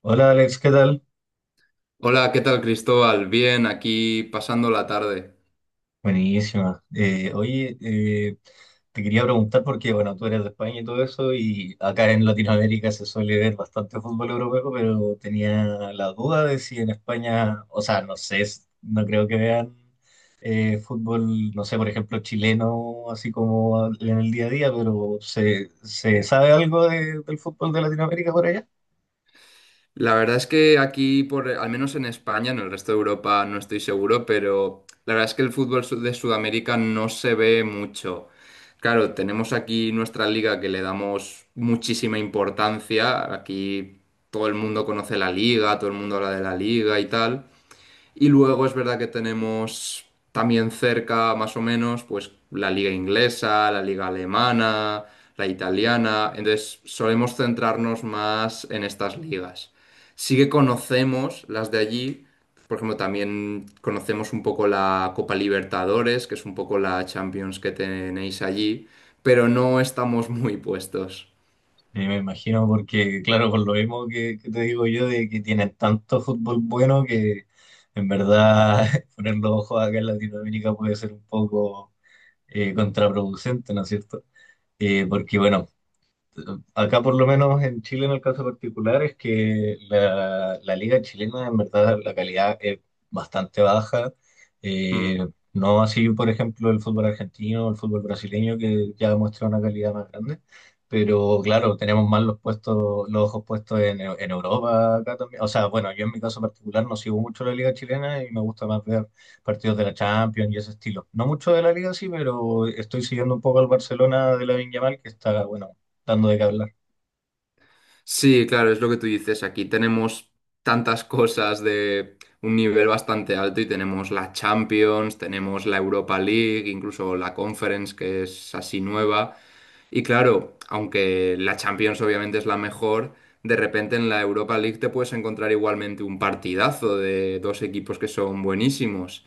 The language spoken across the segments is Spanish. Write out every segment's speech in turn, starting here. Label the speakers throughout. Speaker 1: Hola Alex, ¿qué tal?
Speaker 2: Hola, ¿qué tal, Cristóbal? Bien, aquí pasando la tarde.
Speaker 1: Buenísima. Te quería preguntar porque, bueno, tú eres de España y todo eso, y acá en Latinoamérica se suele ver bastante fútbol europeo, pero tenía la duda de si en España, o sea, no sé, no creo que vean fútbol, no sé, por ejemplo, chileno, así como en el día a día, pero ¿se sabe algo del fútbol de Latinoamérica por allá?
Speaker 2: La verdad es que aquí, por, al menos en España, en el resto de Europa no estoy seguro, pero la verdad es que el fútbol de Sudamérica no se ve mucho. Claro, tenemos aquí nuestra liga que le damos muchísima importancia. Aquí todo el mundo conoce la liga, todo el mundo habla de la liga y tal. Y luego es verdad que tenemos también cerca, más o menos, pues la liga inglesa, la liga alemana, la italiana. Entonces solemos centrarnos más en estas ligas. Sí que conocemos las de allí. Por ejemplo, también conocemos un poco la Copa Libertadores, que es un poco la Champions que tenéis allí, pero no estamos muy puestos.
Speaker 1: Y me imagino porque, claro, por lo mismo que te digo yo, de que tienen tanto fútbol bueno que en verdad poner los ojos acá en Latinoamérica puede ser un poco contraproducente, ¿no es cierto? Porque, bueno, acá por lo menos en Chile en el caso particular es que la liga chilena en verdad la calidad es bastante baja. Eh,
Speaker 2: Mm.
Speaker 1: no así por ejemplo el fútbol argentino o el fútbol brasileño que ya muestra una calidad más grande. Pero claro, tenemos más los puestos, los ojos puestos en Europa acá también. O sea, bueno, yo en mi caso particular no sigo mucho la liga chilena y me gusta más ver partidos de la Champions y ese estilo. No mucho de la liga sí, pero estoy siguiendo un poco al Barcelona de la Yamal que está, bueno, dando de qué hablar.
Speaker 2: Sí, claro, es lo que tú dices. Aquí tenemos tantas cosas de un nivel bastante alto y tenemos la Champions, tenemos la Europa League, incluso la Conference, que es así nueva. Y claro, aunque la Champions obviamente es la mejor, de repente en la Europa League te puedes encontrar igualmente un partidazo de dos equipos que son buenísimos.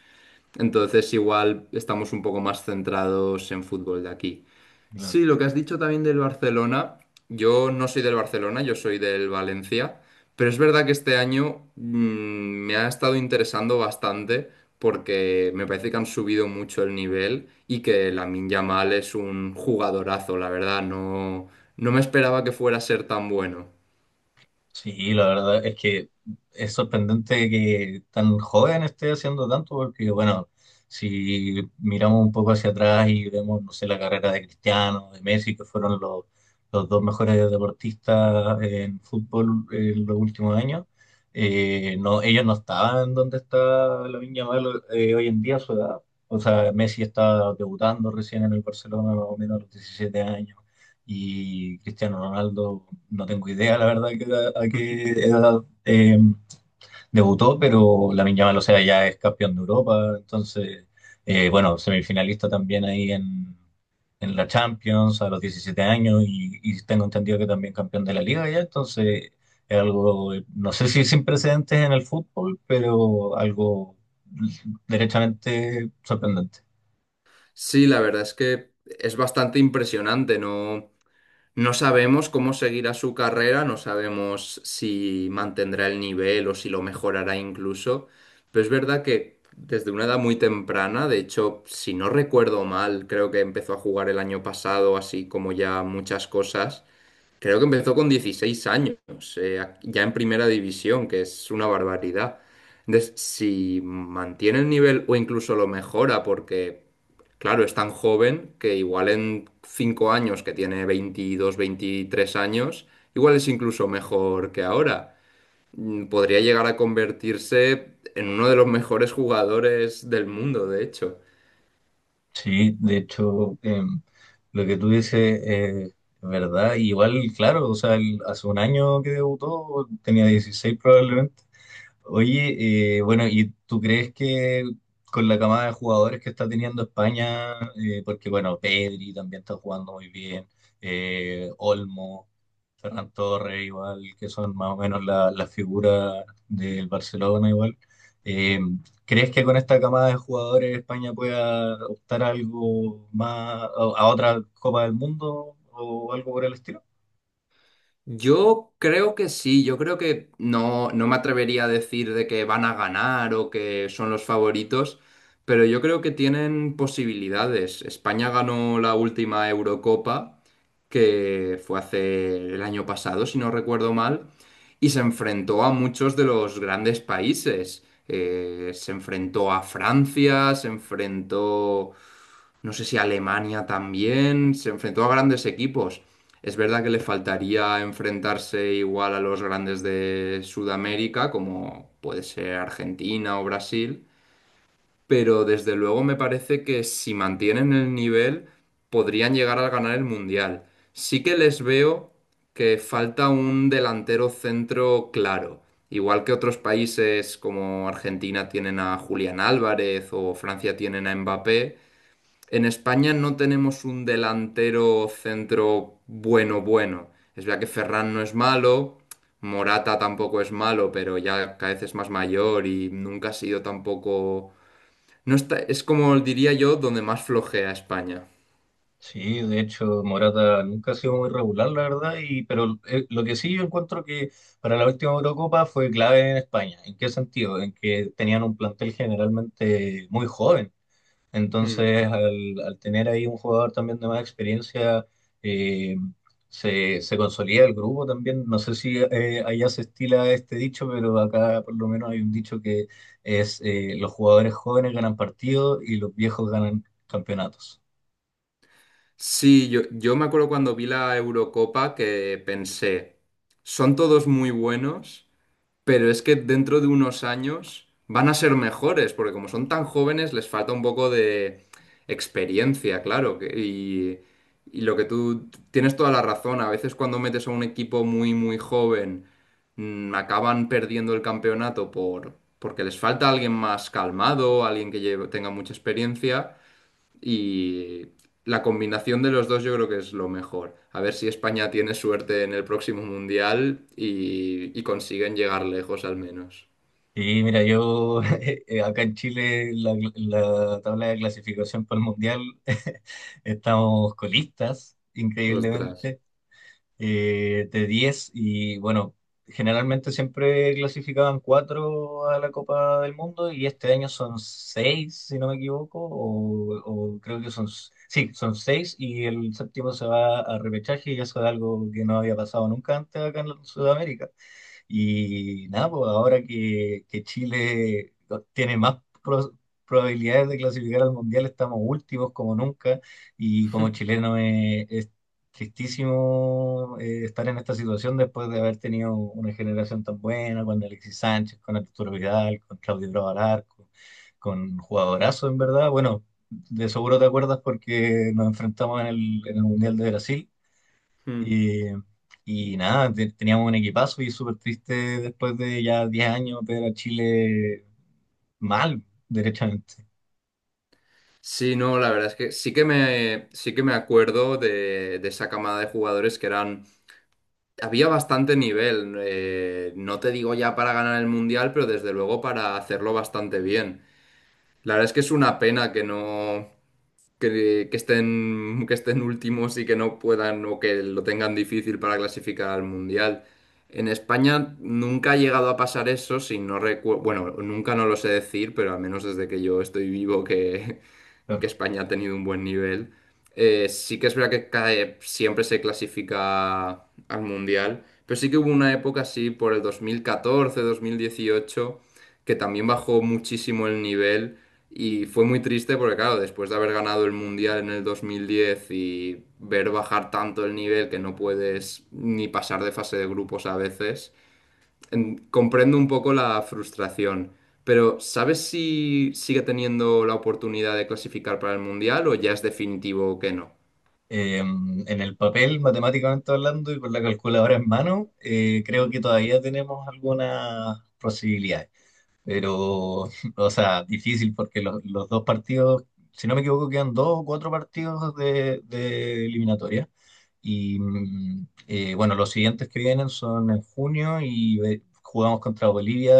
Speaker 2: Entonces igual estamos un poco más centrados en fútbol de aquí.
Speaker 1: Claro.
Speaker 2: Sí, lo que has dicho también del Barcelona, yo no soy del Barcelona, yo soy del Valencia, pero es verdad que este año me ha estado interesando bastante porque me parece que han subido mucho el nivel y que Lamine Yamal es un jugadorazo, la verdad, no, no me esperaba que fuera a ser tan bueno.
Speaker 1: Sí, la verdad es que es sorprendente que tan joven esté haciendo tanto, porque bueno, si miramos un poco hacia atrás y vemos, no sé, la carrera de Cristiano, de Messi, que fueron los dos mejores deportistas en fútbol en los últimos años, no, ellos no estaban donde está Lamine Yamal hoy en día a su edad. O sea, Messi estaba debutando recién en el Barcelona, más o menos a los 17 años. Y Cristiano Ronaldo, no tengo idea, la verdad, a qué edad debutó, pero la Yamal, o sea, ya es campeón de Europa, entonces, bueno, semifinalista también ahí en la Champions a los 17 años y tengo entendido que también campeón de la Liga ya, entonces es algo, no sé si sin precedentes en el fútbol, pero algo derechamente sorprendente.
Speaker 2: Sí, la verdad es que es bastante impresionante, ¿no? No sabemos cómo seguirá su carrera, no sabemos si mantendrá el nivel o si lo mejorará incluso, pero es verdad que desde una edad muy temprana, de hecho, si no recuerdo mal, creo que empezó a jugar el año pasado, así como ya muchas cosas. Creo que empezó con 16 años, ya en primera división, que es una barbaridad. Entonces, si mantiene el nivel o incluso lo mejora, porque, claro, es tan joven que igual en 5 años, que tiene 22, 23 años, igual es incluso mejor que ahora. Podría llegar a convertirse en uno de los mejores jugadores del mundo, de hecho.
Speaker 1: Sí, de hecho, lo que tú dices es verdad. Igual, claro, o sea, él hace un año que debutó, tenía 16 probablemente. Oye, bueno, ¿y tú crees que con la camada de jugadores que está teniendo España, porque bueno, Pedri también está jugando muy bien, Olmo, Ferran Torres, igual, que son más o menos las figuras del Barcelona, igual. Eh, ¿Crees que con esta camada de jugadores España pueda optar a algo más, a otra Copa del Mundo o algo por el estilo?
Speaker 2: Yo creo que sí, yo creo que no, no me atrevería a decir de que van a ganar o que son los favoritos, pero yo creo que tienen posibilidades. España ganó la última Eurocopa, que fue hace el año pasado, si no recuerdo mal, y se enfrentó a muchos de los grandes países. Se enfrentó a Francia, se enfrentó no sé si Alemania también, se enfrentó a grandes equipos. Es verdad que le faltaría enfrentarse igual a los grandes de Sudamérica, como puede ser Argentina o Brasil, pero desde luego me parece que si mantienen el nivel podrían llegar a ganar el Mundial. Sí que les veo que falta un delantero centro claro. Igual que otros países como Argentina tienen a Julián Álvarez o Francia tienen a Mbappé, en España no tenemos un delantero centro bueno, bueno. Es verdad que Ferran no es malo, Morata tampoco es malo, pero ya cada vez es más mayor y nunca ha sido tampoco... No está... Es como diría yo, donde más flojea España.
Speaker 1: Sí, de hecho, Morata nunca ha sido muy regular, la verdad, y, pero lo que sí yo encuentro que para la última Eurocopa fue clave en España. ¿En qué sentido? En que tenían un plantel generalmente muy joven.
Speaker 2: Mm.
Speaker 1: Entonces, al tener ahí un jugador también de más experiencia, eh, se consolida el grupo también. No sé si allá se estila este dicho, pero acá por lo menos hay un dicho que es los jugadores jóvenes ganan partidos y los viejos ganan campeonatos.
Speaker 2: Sí, yo me acuerdo cuando vi la Eurocopa que pensé, son todos muy buenos, pero es que dentro de unos años van a ser mejores, porque como son tan jóvenes, les falta un poco de experiencia, claro. Y lo que tú tienes toda la razón, a veces cuando metes a un equipo muy, muy joven, acaban perdiendo el campeonato porque les falta alguien más calmado, alguien que tenga mucha experiencia. Y la combinación de los dos yo creo que es lo mejor. A ver si España tiene suerte en el próximo mundial y consiguen llegar lejos al menos.
Speaker 1: Y mira, yo acá en Chile la tabla de clasificación para el Mundial estamos colistas,
Speaker 2: Ostras.
Speaker 1: increíblemente. De 10 y bueno, generalmente siempre clasificaban 4 a la Copa del Mundo y este año son 6 si no me equivoco, o creo que son, sí, son 6 y el séptimo se va a repechaje y eso es algo que no había pasado nunca antes acá en Sudamérica. Y nada, pues ahora que Chile tiene más probabilidades de clasificar al Mundial, estamos últimos como nunca y como chileno es tristísimo estar en esta situación después de haber tenido una generación tan buena con Alexis Sánchez, con Arturo Vidal, con Claudio Bravo Alarco, con jugadorazo en verdad. Bueno, de seguro te acuerdas porque nos enfrentamos en el Mundial de Brasil
Speaker 2: Hmm.
Speaker 1: eh, y nada, teníamos un equipazo y súper triste después de ya 10 años ver a Chile mal, derechamente.
Speaker 2: Sí, no, la verdad es que sí que me acuerdo de esa camada de jugadores que eran... Había bastante nivel, no te digo ya para ganar el mundial, pero desde luego para hacerlo bastante bien. La verdad es que es una pena que no, que estén últimos y que no puedan o que lo tengan difícil para clasificar al Mundial. En España nunca ha llegado a pasar eso, si no recuerdo, bueno, nunca no lo sé decir, pero al menos desde que yo estoy vivo que
Speaker 1: Claro.
Speaker 2: España ha tenido un buen nivel. Sí que es verdad que siempre se clasifica al Mundial, pero sí que hubo una época así por el 2014, 2018, que también bajó muchísimo el nivel y fue muy triste porque claro, después de haber ganado el Mundial en el 2010 y ver bajar tanto el nivel que no puedes ni pasar de fase de grupos a veces comprendo un poco la frustración, pero ¿sabes si sigue teniendo la oportunidad de clasificar para el Mundial o ya es definitivo que no?
Speaker 1: En el papel, matemáticamente hablando y con la calculadora en mano, creo que todavía tenemos algunas posibilidades. Pero, o sea, difícil porque los dos partidos, si no me equivoco, quedan dos o cuatro partidos de eliminatoria. Y bueno, los siguientes que vienen son en junio y jugamos contra Bolivia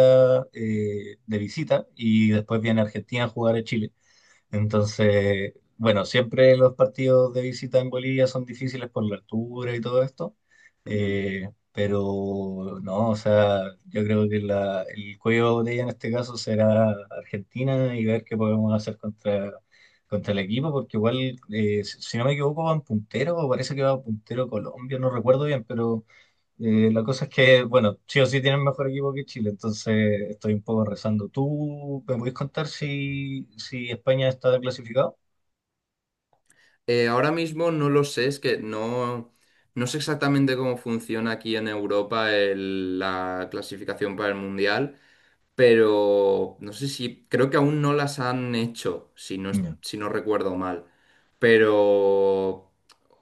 Speaker 1: de visita y después viene Argentina a jugar a Chile. Entonces, bueno, siempre los partidos de visita en Bolivia son difíciles por la altura y todo esto,
Speaker 2: Mm.
Speaker 1: pero no, o sea, yo creo que el cuello de botella en este caso será Argentina y ver qué podemos hacer contra el equipo, porque igual, si no me equivoco, van puntero, o parece que va puntero Colombia, no recuerdo bien, pero la cosa es que, bueno, sí o sí tienen mejor equipo que Chile, entonces estoy un poco rezando. ¿Tú me puedes contar si, si España está clasificado?
Speaker 2: Ahora mismo no lo sé, es que no, no sé exactamente cómo funciona aquí en Europa la clasificación para el Mundial. Pero no sé si, creo que aún no las han hecho, si no,
Speaker 1: Ya.
Speaker 2: si no recuerdo mal. Pero,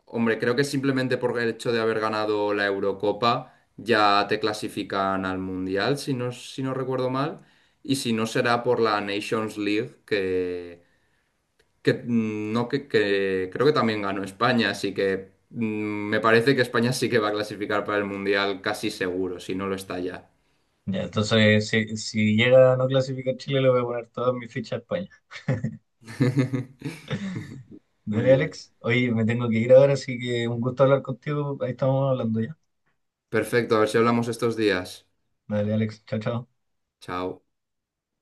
Speaker 2: hombre, creo que simplemente por el hecho de haber ganado la Eurocopa ya te clasifican al Mundial, si no, si no recuerdo mal. Y si no será por la Nations League, que, mm, no, que creo que también ganó España, así que me parece que España sí que va a clasificar para el Mundial casi seguro, si no lo está ya.
Speaker 1: Ya, entonces si, si llega a no clasificar Chile, le voy a poner todas mis fichas a España.
Speaker 2: Muy
Speaker 1: Dale,
Speaker 2: bien.
Speaker 1: Alex. Oye, me tengo que ir ahora, así que un gusto hablar contigo. Ahí estamos hablando ya.
Speaker 2: Perfecto, a ver si hablamos estos días.
Speaker 1: Dale, Alex. Chao, chao.
Speaker 2: Chao.